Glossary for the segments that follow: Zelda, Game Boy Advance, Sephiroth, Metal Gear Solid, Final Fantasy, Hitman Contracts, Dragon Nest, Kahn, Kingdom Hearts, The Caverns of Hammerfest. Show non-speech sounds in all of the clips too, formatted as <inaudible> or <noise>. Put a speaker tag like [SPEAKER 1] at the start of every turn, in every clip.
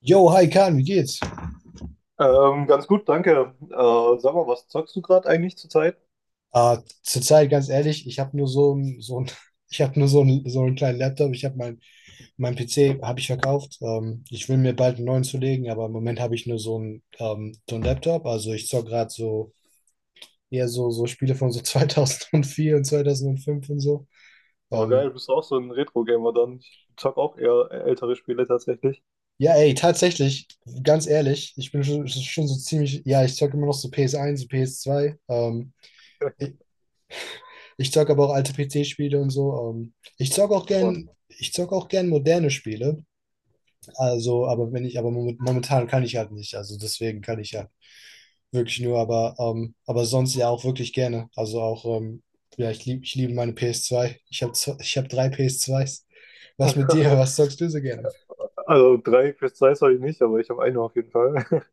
[SPEAKER 1] Yo, hi Kahn, wie geht's?
[SPEAKER 2] Ganz gut, danke. Sag mal, was zockst du gerade eigentlich zurzeit?
[SPEAKER 1] Ah, zurzeit ganz ehrlich, ich habe nur so, <laughs> ich habe nur so, ein, so einen kleinen Laptop. Mein PC habe ich verkauft. Ich will mir bald einen neuen zulegen, aber im Moment habe ich nur so einen Laptop. Also ich zocke gerade so eher so, so Spiele von so <laughs> 2004 und 2005 und so.
[SPEAKER 2] Aber geil,
[SPEAKER 1] Ähm,
[SPEAKER 2] bist du auch so ein Retro-Gamer dann. Ich zock auch eher ältere Spiele tatsächlich.
[SPEAKER 1] ja, ey, tatsächlich, ganz ehrlich, ich bin schon so ziemlich, ja, ich zocke immer noch so ps eins und ps zwei. Ich zocke aber auch alte PC-Spiele und so. Ich zocke auch
[SPEAKER 2] Und-
[SPEAKER 1] gern, ich zocke auch gern moderne Spiele. Also, aber wenn ich, aber moment- momentan kann ich halt nicht. Also deswegen kann ich ja wirklich nur, aber sonst ja auch wirklich gerne. Also auch, ja, ich liebe meine PS2. Ich hab drei PS2s. Was mit dir? Was
[SPEAKER 2] <laughs>
[SPEAKER 1] zockst du so gerne?
[SPEAKER 2] Also drei PS2s habe ich nicht, aber ich habe eine auf jeden Fall. <laughs>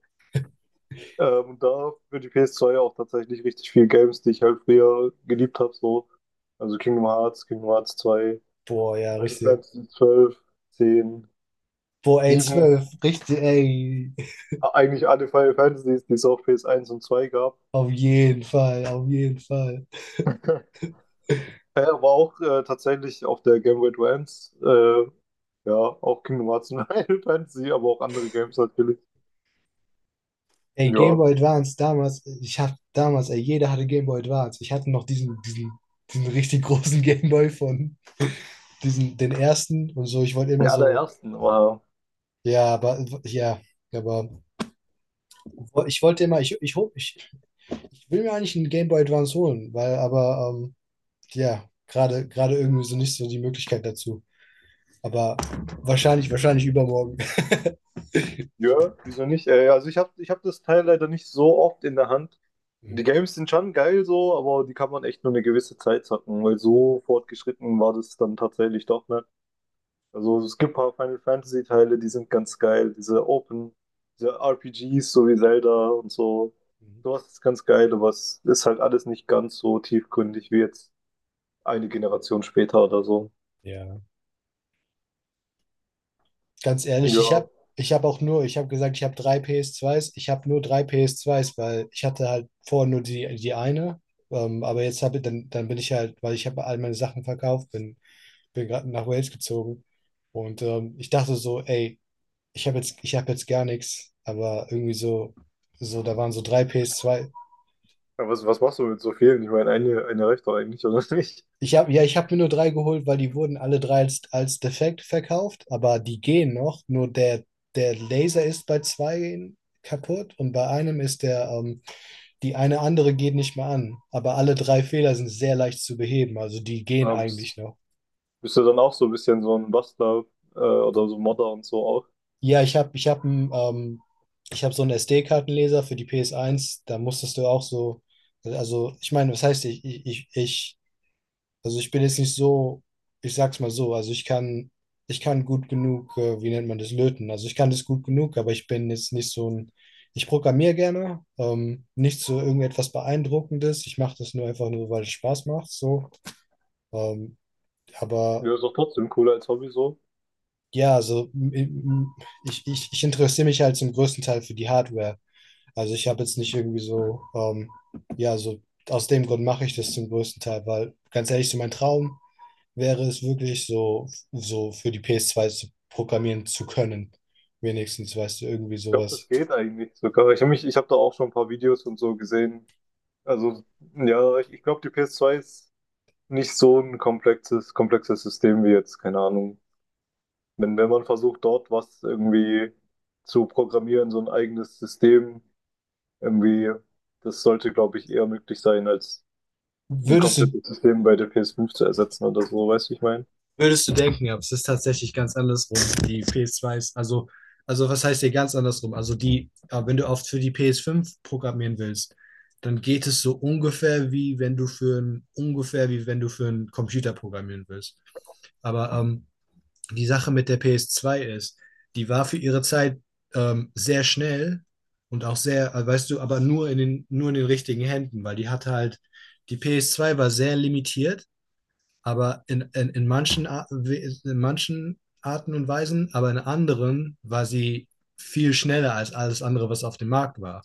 [SPEAKER 2] Und da für die PS2 auch tatsächlich richtig viel Games, die ich halt früher geliebt habe, so. Also Kingdom Hearts, Kingdom Hearts zwei,
[SPEAKER 1] Boah, ja,
[SPEAKER 2] Final
[SPEAKER 1] richtig.
[SPEAKER 2] Fantasy zwölf, zehn,
[SPEAKER 1] Boah, ey,
[SPEAKER 2] sieben.
[SPEAKER 1] 12, richtig, ey.
[SPEAKER 2] Eigentlich alle Final Fantasies, die es auf ps eins und 2 gab.
[SPEAKER 1] Auf jeden Fall, auf jeden Fall.
[SPEAKER 2] <laughs> Er war auch tatsächlich auf der Game Boy Advance. Ja, auch Kingdom Hearts und <laughs> Final Fantasy, aber auch andere Games natürlich.
[SPEAKER 1] Ey,
[SPEAKER 2] Ja,
[SPEAKER 1] Game Boy Advance damals, ich hab damals, ey, jeder hatte Game Boy Advance. Ich hatte noch diesen richtig großen <laughs> Game Boy von diesen, den ersten und so. Ich wollte
[SPEAKER 2] die
[SPEAKER 1] immer so,
[SPEAKER 2] allerersten. Aber
[SPEAKER 1] ja, aber ich wollte immer, ich will mir eigentlich einen Game Boy Advance holen, weil, aber, ja, gerade irgendwie so nicht so die Möglichkeit dazu. Aber wahrscheinlich übermorgen. <laughs>
[SPEAKER 2] ja, wieso nicht? Also ich hab das Teil leider nicht so oft in der Hand.
[SPEAKER 1] Mhm.
[SPEAKER 2] Die Games sind schon geil so, aber die kann man echt nur eine gewisse Zeit zocken, weil so fortgeschritten war das dann tatsächlich doch nicht. Also es gibt ein paar Final Fantasy Teile, die sind ganz geil. Diese RPGs, so wie Zelda und so. Sowas ist ganz geil, aber es ist halt alles nicht ganz so tiefgründig wie jetzt eine Generation später oder so.
[SPEAKER 1] Ja. Ganz ehrlich, ich
[SPEAKER 2] Ja.
[SPEAKER 1] habe ich hab auch nur, ich habe gesagt, ich habe drei PS2s, ich habe nur drei PS2s, weil ich hatte halt vorher nur die eine, aber jetzt habe ich, dann bin ich halt, weil ich habe all meine Sachen verkauft, bin gerade nach Wales gezogen und ich dachte so, ey, ich habe jetzt gar nichts, aber irgendwie so, so, da waren so drei PS2.
[SPEAKER 2] Aber was machst du mit so vielen? Ich meine, eine reicht doch eigentlich, oder nicht?
[SPEAKER 1] Ich habe ja, ich habe mir nur drei geholt, weil die wurden alle drei als defekt verkauft, aber die gehen noch. Nur der, der Laser ist bei zwei kaputt und bei einem ist der, die eine andere geht nicht mehr an. Aber alle drei Fehler sind sehr leicht zu beheben, also die gehen
[SPEAKER 2] Aber
[SPEAKER 1] eigentlich
[SPEAKER 2] bist,
[SPEAKER 1] noch.
[SPEAKER 2] bist du dann auch so ein bisschen so ein Bastler oder so Modder und so auch?
[SPEAKER 1] Ja, ich hab einen, ich hab so einen SD-Kartenleser für die PS1, da musstest du auch so, also ich meine, was heißt, ich also ich bin jetzt nicht so, ich sag's mal so, also ich kann gut genug, wie nennt man das, löten. Also ich kann das gut genug, aber ich bin jetzt nicht so ein, ich programmiere gerne, nicht so irgendetwas Beeindruckendes. Ich mache das nur einfach nur, weil es Spaß macht, so. Ähm, aber
[SPEAKER 2] Ja, ist doch trotzdem cooler als Hobby so.
[SPEAKER 1] ja, ich interessiere mich halt zum größten Teil für die Hardware. Also ich habe jetzt nicht irgendwie so, ja, so aus dem Grund mache ich das zum größten Teil, weil ganz ehrlich, so mein Traum wäre es wirklich so, so für die PS2 zu programmieren zu können. Wenigstens, weißt du, irgendwie
[SPEAKER 2] Ich glaube,
[SPEAKER 1] sowas.
[SPEAKER 2] das geht eigentlich sogar. Ich habe da auch schon ein paar Videos und so gesehen. Also, ja, ich glaube, die ps zwei ist nicht so ein komplexes System wie jetzt, keine Ahnung. Wenn man versucht, dort was irgendwie zu programmieren, so ein eigenes System, irgendwie, das sollte, glaube ich, eher möglich sein, als ein
[SPEAKER 1] Würdest du,
[SPEAKER 2] komplettes System bei der ps fünf zu ersetzen oder so, weißt du, wie ich meine?
[SPEAKER 1] würdest du denken, aber es ist tatsächlich ganz andersrum. Die PS2 ist, also was heißt hier ganz andersrum? Also die, ja, wenn du oft für die PS5 programmieren willst, dann geht es so ungefähr wie wenn du für ein, ungefähr wie wenn du für einen Computer programmieren willst. Aber die Sache mit der PS2 ist, die war für ihre Zeit sehr schnell und auch sehr, weißt du, aber nur in den richtigen Händen, weil die hatte halt, die PS2 war sehr limitiert, aber in manchen Arten und Weisen, aber in anderen war sie viel schneller als alles andere, was auf dem Markt war.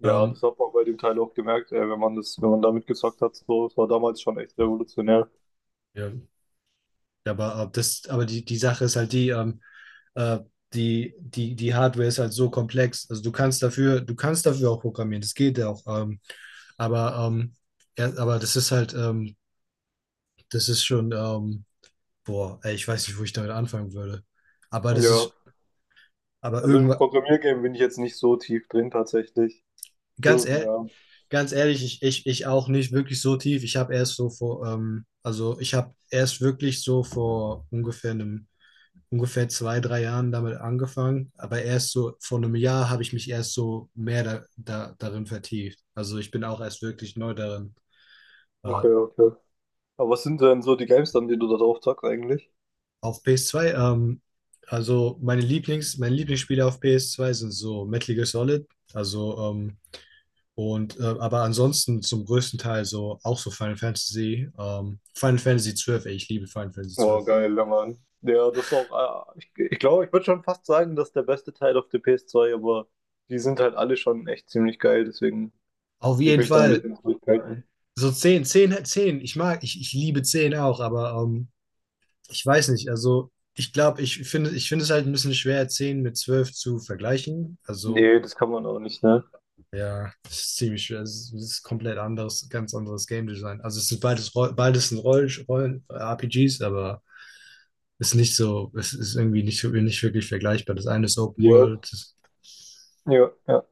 [SPEAKER 2] Ja,
[SPEAKER 1] Ähm,
[SPEAKER 2] das hat man bei dem Teil auch gemerkt, ey, wenn man damit gezockt hat, so, das war damals schon echt revolutionär.
[SPEAKER 1] Ja. Die Sache ist halt die, Äh, die Hardware ist halt so komplex. Also du kannst dafür auch programmieren, das geht ja auch. Aber, ähm, ja, aber das ist halt, das ist schon, boah, ey, ich weiß nicht, wo ich damit anfangen würde. Aber das
[SPEAKER 2] Ja,
[SPEAKER 1] ist, aber
[SPEAKER 2] also im
[SPEAKER 1] irgendwann,
[SPEAKER 2] Programmiergame bin ich jetzt nicht so tief drin tatsächlich.
[SPEAKER 1] ganz
[SPEAKER 2] So,
[SPEAKER 1] ehrlich,
[SPEAKER 2] ja,
[SPEAKER 1] ganz ehrlich, ich auch nicht wirklich so tief. Ich habe erst so vor, also ich habe erst wirklich so vor ungefähr zwei, drei Jahren damit angefangen, aber erst so vor einem Jahr habe ich mich erst so mehr darin vertieft. Also ich bin auch erst wirklich neu darin. Äh,
[SPEAKER 2] okay, okay. Aber was sind denn so die Games dann, die du da drauf zockst eigentlich?
[SPEAKER 1] auf PS2, also meine Lieblings, meine Lieblingsspiele auf PS2 sind so Metal Gear Solid, also aber ansonsten zum größten Teil so auch so Final Fantasy, Final Fantasy 12, ey, ich liebe Final Fantasy
[SPEAKER 2] Oh,
[SPEAKER 1] 12.
[SPEAKER 2] geil, ja, Mann. Ja, das ist auch, ich glaube, ich würde schon fast sagen, das ist der beste Teil auf der PS2, aber die sind halt alle schon echt ziemlich geil, deswegen
[SPEAKER 1] Auf
[SPEAKER 2] will ich
[SPEAKER 1] jeden
[SPEAKER 2] mich da ein
[SPEAKER 1] Fall.
[SPEAKER 2] bisschen zurückhalten.
[SPEAKER 1] So 10 10 10 ich mag, ich liebe 10 auch, aber ich weiß nicht, also ich glaube, ich finde es halt ein bisschen schwer, 10 mit 12 zu vergleichen. Also,
[SPEAKER 2] Nee, das kann man auch nicht, ne?
[SPEAKER 1] ja, es ist ziemlich schwer. Es ist komplett anderes, ganz anderes Game Design. Also es sind beides, RPGs, aber es ist nicht so, es ist irgendwie nicht, so- nicht wirklich vergleichbar. Das eine ist Open
[SPEAKER 2] Ja,
[SPEAKER 1] World. Das,
[SPEAKER 2] ja, ja.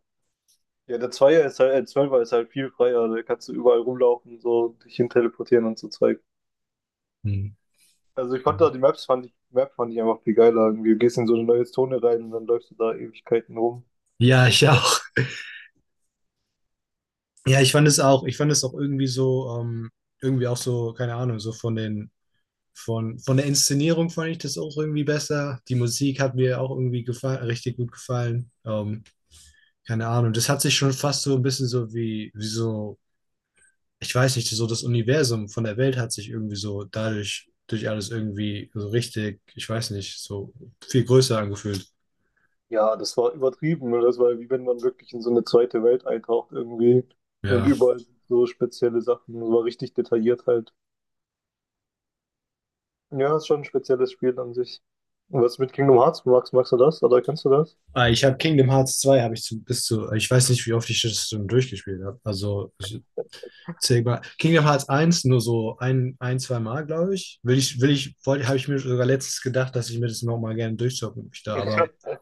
[SPEAKER 2] Ja, der Zweier ist halt, Zwölfer ist halt viel freier, da kannst du überall rumlaufen, so dich hin teleportieren und so Zeug.
[SPEAKER 1] hm,
[SPEAKER 2] Also ich
[SPEAKER 1] ja.
[SPEAKER 2] konnte da die Maps fand ich, Map fand ich einfach viel geiler. Irgendwie. Du gehst in so eine neue Zone rein und dann läufst du da Ewigkeiten rum.
[SPEAKER 1] Ja, ich auch. Ja, ich fand es auch irgendwie so, irgendwie auch so, keine Ahnung, so von den von der Inszenierung fand ich das auch irgendwie besser. Die Musik hat mir auch irgendwie gefallen, richtig gut gefallen. Keine Ahnung. Das hat sich schon fast so ein bisschen so wie so, ich weiß nicht, so das Universum von der Welt hat sich irgendwie so dadurch, durch alles irgendwie so richtig, ich weiß nicht, so viel größer angefühlt.
[SPEAKER 2] Ja, das war übertrieben, ne? Das war wie wenn man wirklich in so eine zweite Welt eintaucht irgendwie und
[SPEAKER 1] Ja.
[SPEAKER 2] überall so spezielle Sachen. Das war richtig detailliert halt. Ja, ist schon ein spezielles Spiel an sich. Und was mit Kingdom Hearts magst du das? Oder kennst du das?
[SPEAKER 1] Ah, ich habe Kingdom Hearts zwei habe ich zu, bis zu, ich weiß nicht, wie oft ich das schon durchgespielt habe. Also Sigma. Kingdom Hearts eins nur so ein zwei Mal, glaube ich. Habe ich mir sogar letztens gedacht, dass ich mir das nochmal gerne durchzocken möchte,
[SPEAKER 2] <laughs>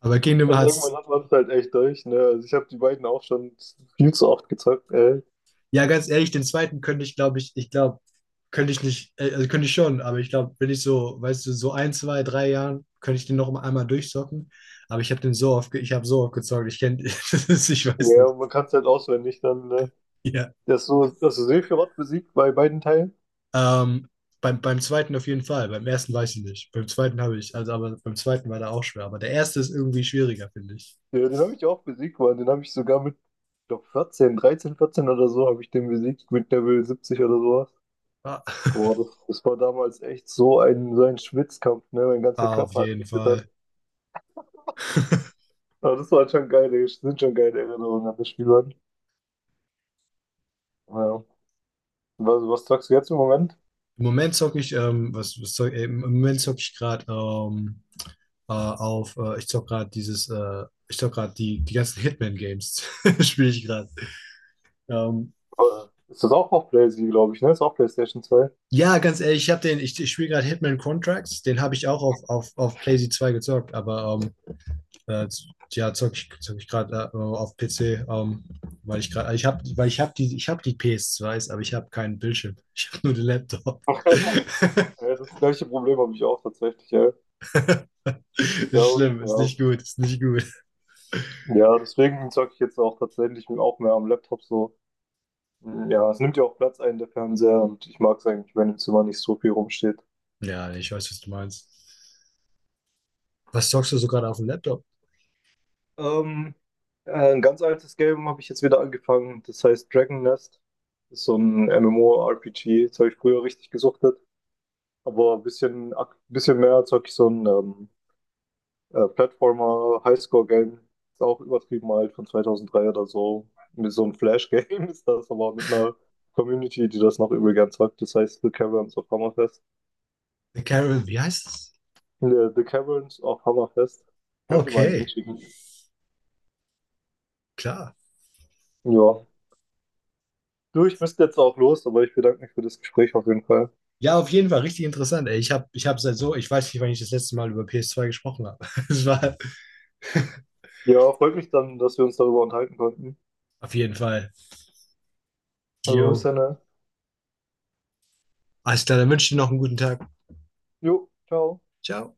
[SPEAKER 1] aber Kingdom
[SPEAKER 2] Also irgendwann
[SPEAKER 1] Hearts,
[SPEAKER 2] hat man es halt echt durch, ne? Also ich habe die beiden auch schon viel zu oft gezockt, ey.
[SPEAKER 1] ja, ganz ehrlich, den zweiten könnte ich, glaube ich, könnte ich nicht, also könnte ich schon, aber ich glaube, wenn ich so, weißt du, so ein, zwei, drei Jahren, könnte ich den noch mal einmal durchzocken, aber ich habe den so oft, ich habe so oft gezockt, ich kenne, <laughs> ich weiß
[SPEAKER 2] Ja,
[SPEAKER 1] nicht,
[SPEAKER 2] und man kann es halt auswendig dann, ne?
[SPEAKER 1] ja.
[SPEAKER 2] Das so, das Sephiroth besiegt bei beiden Teilen.
[SPEAKER 1] Ähm, beim zweiten auf jeden Fall. Beim ersten weiß ich nicht. Beim zweiten habe ich, also aber beim zweiten war der auch schwer. Aber der erste ist irgendwie schwieriger, finde ich.
[SPEAKER 2] Ja, den habe ich auch besiegt, Mann. Den habe ich sogar mit, ich glaube, 14, 13, 14 oder so habe ich den besiegt mit Level 70 oder sowas.
[SPEAKER 1] Ah.
[SPEAKER 2] Boah,
[SPEAKER 1] <laughs>
[SPEAKER 2] das, das war damals echt so ein Schwitzkampf, ne? Mein ganzer
[SPEAKER 1] Auf
[SPEAKER 2] Körper hat
[SPEAKER 1] jeden
[SPEAKER 2] gezittert.
[SPEAKER 1] Fall.
[SPEAKER 2] Aber das waren sind schon geile Erinnerungen an das Spiel, Mann. Ja. Was sagst du jetzt im Moment?
[SPEAKER 1] Im Moment zocke ich, im Moment zocke ich gerade auf, ich zocke gerade dieses, ich zocke gerade die ganzen Hitman-Games, <laughs> spiele ich gerade. Ähm,
[SPEAKER 2] Äh, Ist das auch auf PlayStation, glaube ich, ne? Ist auch PlayStation zwei.
[SPEAKER 1] ja, ganz ehrlich, ich spiele gerade Hitman Contracts, den habe ich auch auf PlayZ 2 gezockt, aber Äh, ja, zock ich gerade auf PC, ähm, weil ich gerade, ich habe, weil ich habe die PS2s, aber ich habe keinen Bildschirm. <laughs> Ich habe nur den Laptop. <laughs>
[SPEAKER 2] Ja, das gleiche Problem habe ich auch tatsächlich, ja. Ja,
[SPEAKER 1] Ist schlimm, ist
[SPEAKER 2] ja.
[SPEAKER 1] nicht gut, ist nicht gut.
[SPEAKER 2] Ja, deswegen zocke ich jetzt auch tatsächlich auch mehr am Laptop so. Ja, es nimmt ja auch Platz ein, der Fernseher, und ich mag es eigentlich, wenn im Zimmer nicht so viel rumsteht.
[SPEAKER 1] Ja, nee, ich weiß, was du meinst. Was zockst du so gerade auf dem Laptop?
[SPEAKER 2] Ähm, ein ganz altes Game habe ich jetzt wieder angefangen, das heißt Dragon Nest. Das ist so ein MMORPG, das habe ich früher richtig gesuchtet, aber ein bisschen mehr zocke ich so ein Platformer Highscore-Game, ist auch übertrieben alt, von 2003 oder so. Mit so einem Flash-Game <laughs> ist das, aber mit einer Community, die das noch übel gern zockt, das heißt The Caverns of Hammerfest.
[SPEAKER 1] Carol, wie heißt es?
[SPEAKER 2] The Caverns of Hammerfest. Könnt ihr mal einen Link
[SPEAKER 1] Okay,
[SPEAKER 2] schicken?
[SPEAKER 1] klar.
[SPEAKER 2] Ja. Du, ich müsste jetzt auch los, aber ich bedanke mich für das Gespräch auf jeden Fall.
[SPEAKER 1] Ja, auf jeden Fall richtig interessant. Ey. Ich habe seit so, ich weiß nicht, wann ich das letzte Mal über PS2 gesprochen habe. <laughs> Es war
[SPEAKER 2] Ja, freut mich dann, dass wir uns darüber unterhalten konnten.
[SPEAKER 1] auf jeden Fall.
[SPEAKER 2] Also bis
[SPEAKER 1] Jo,
[SPEAKER 2] dann, ne?
[SPEAKER 1] alles klar, dann wünsche ich dir noch einen guten Tag.
[SPEAKER 2] Jo, ciao.
[SPEAKER 1] Ciao.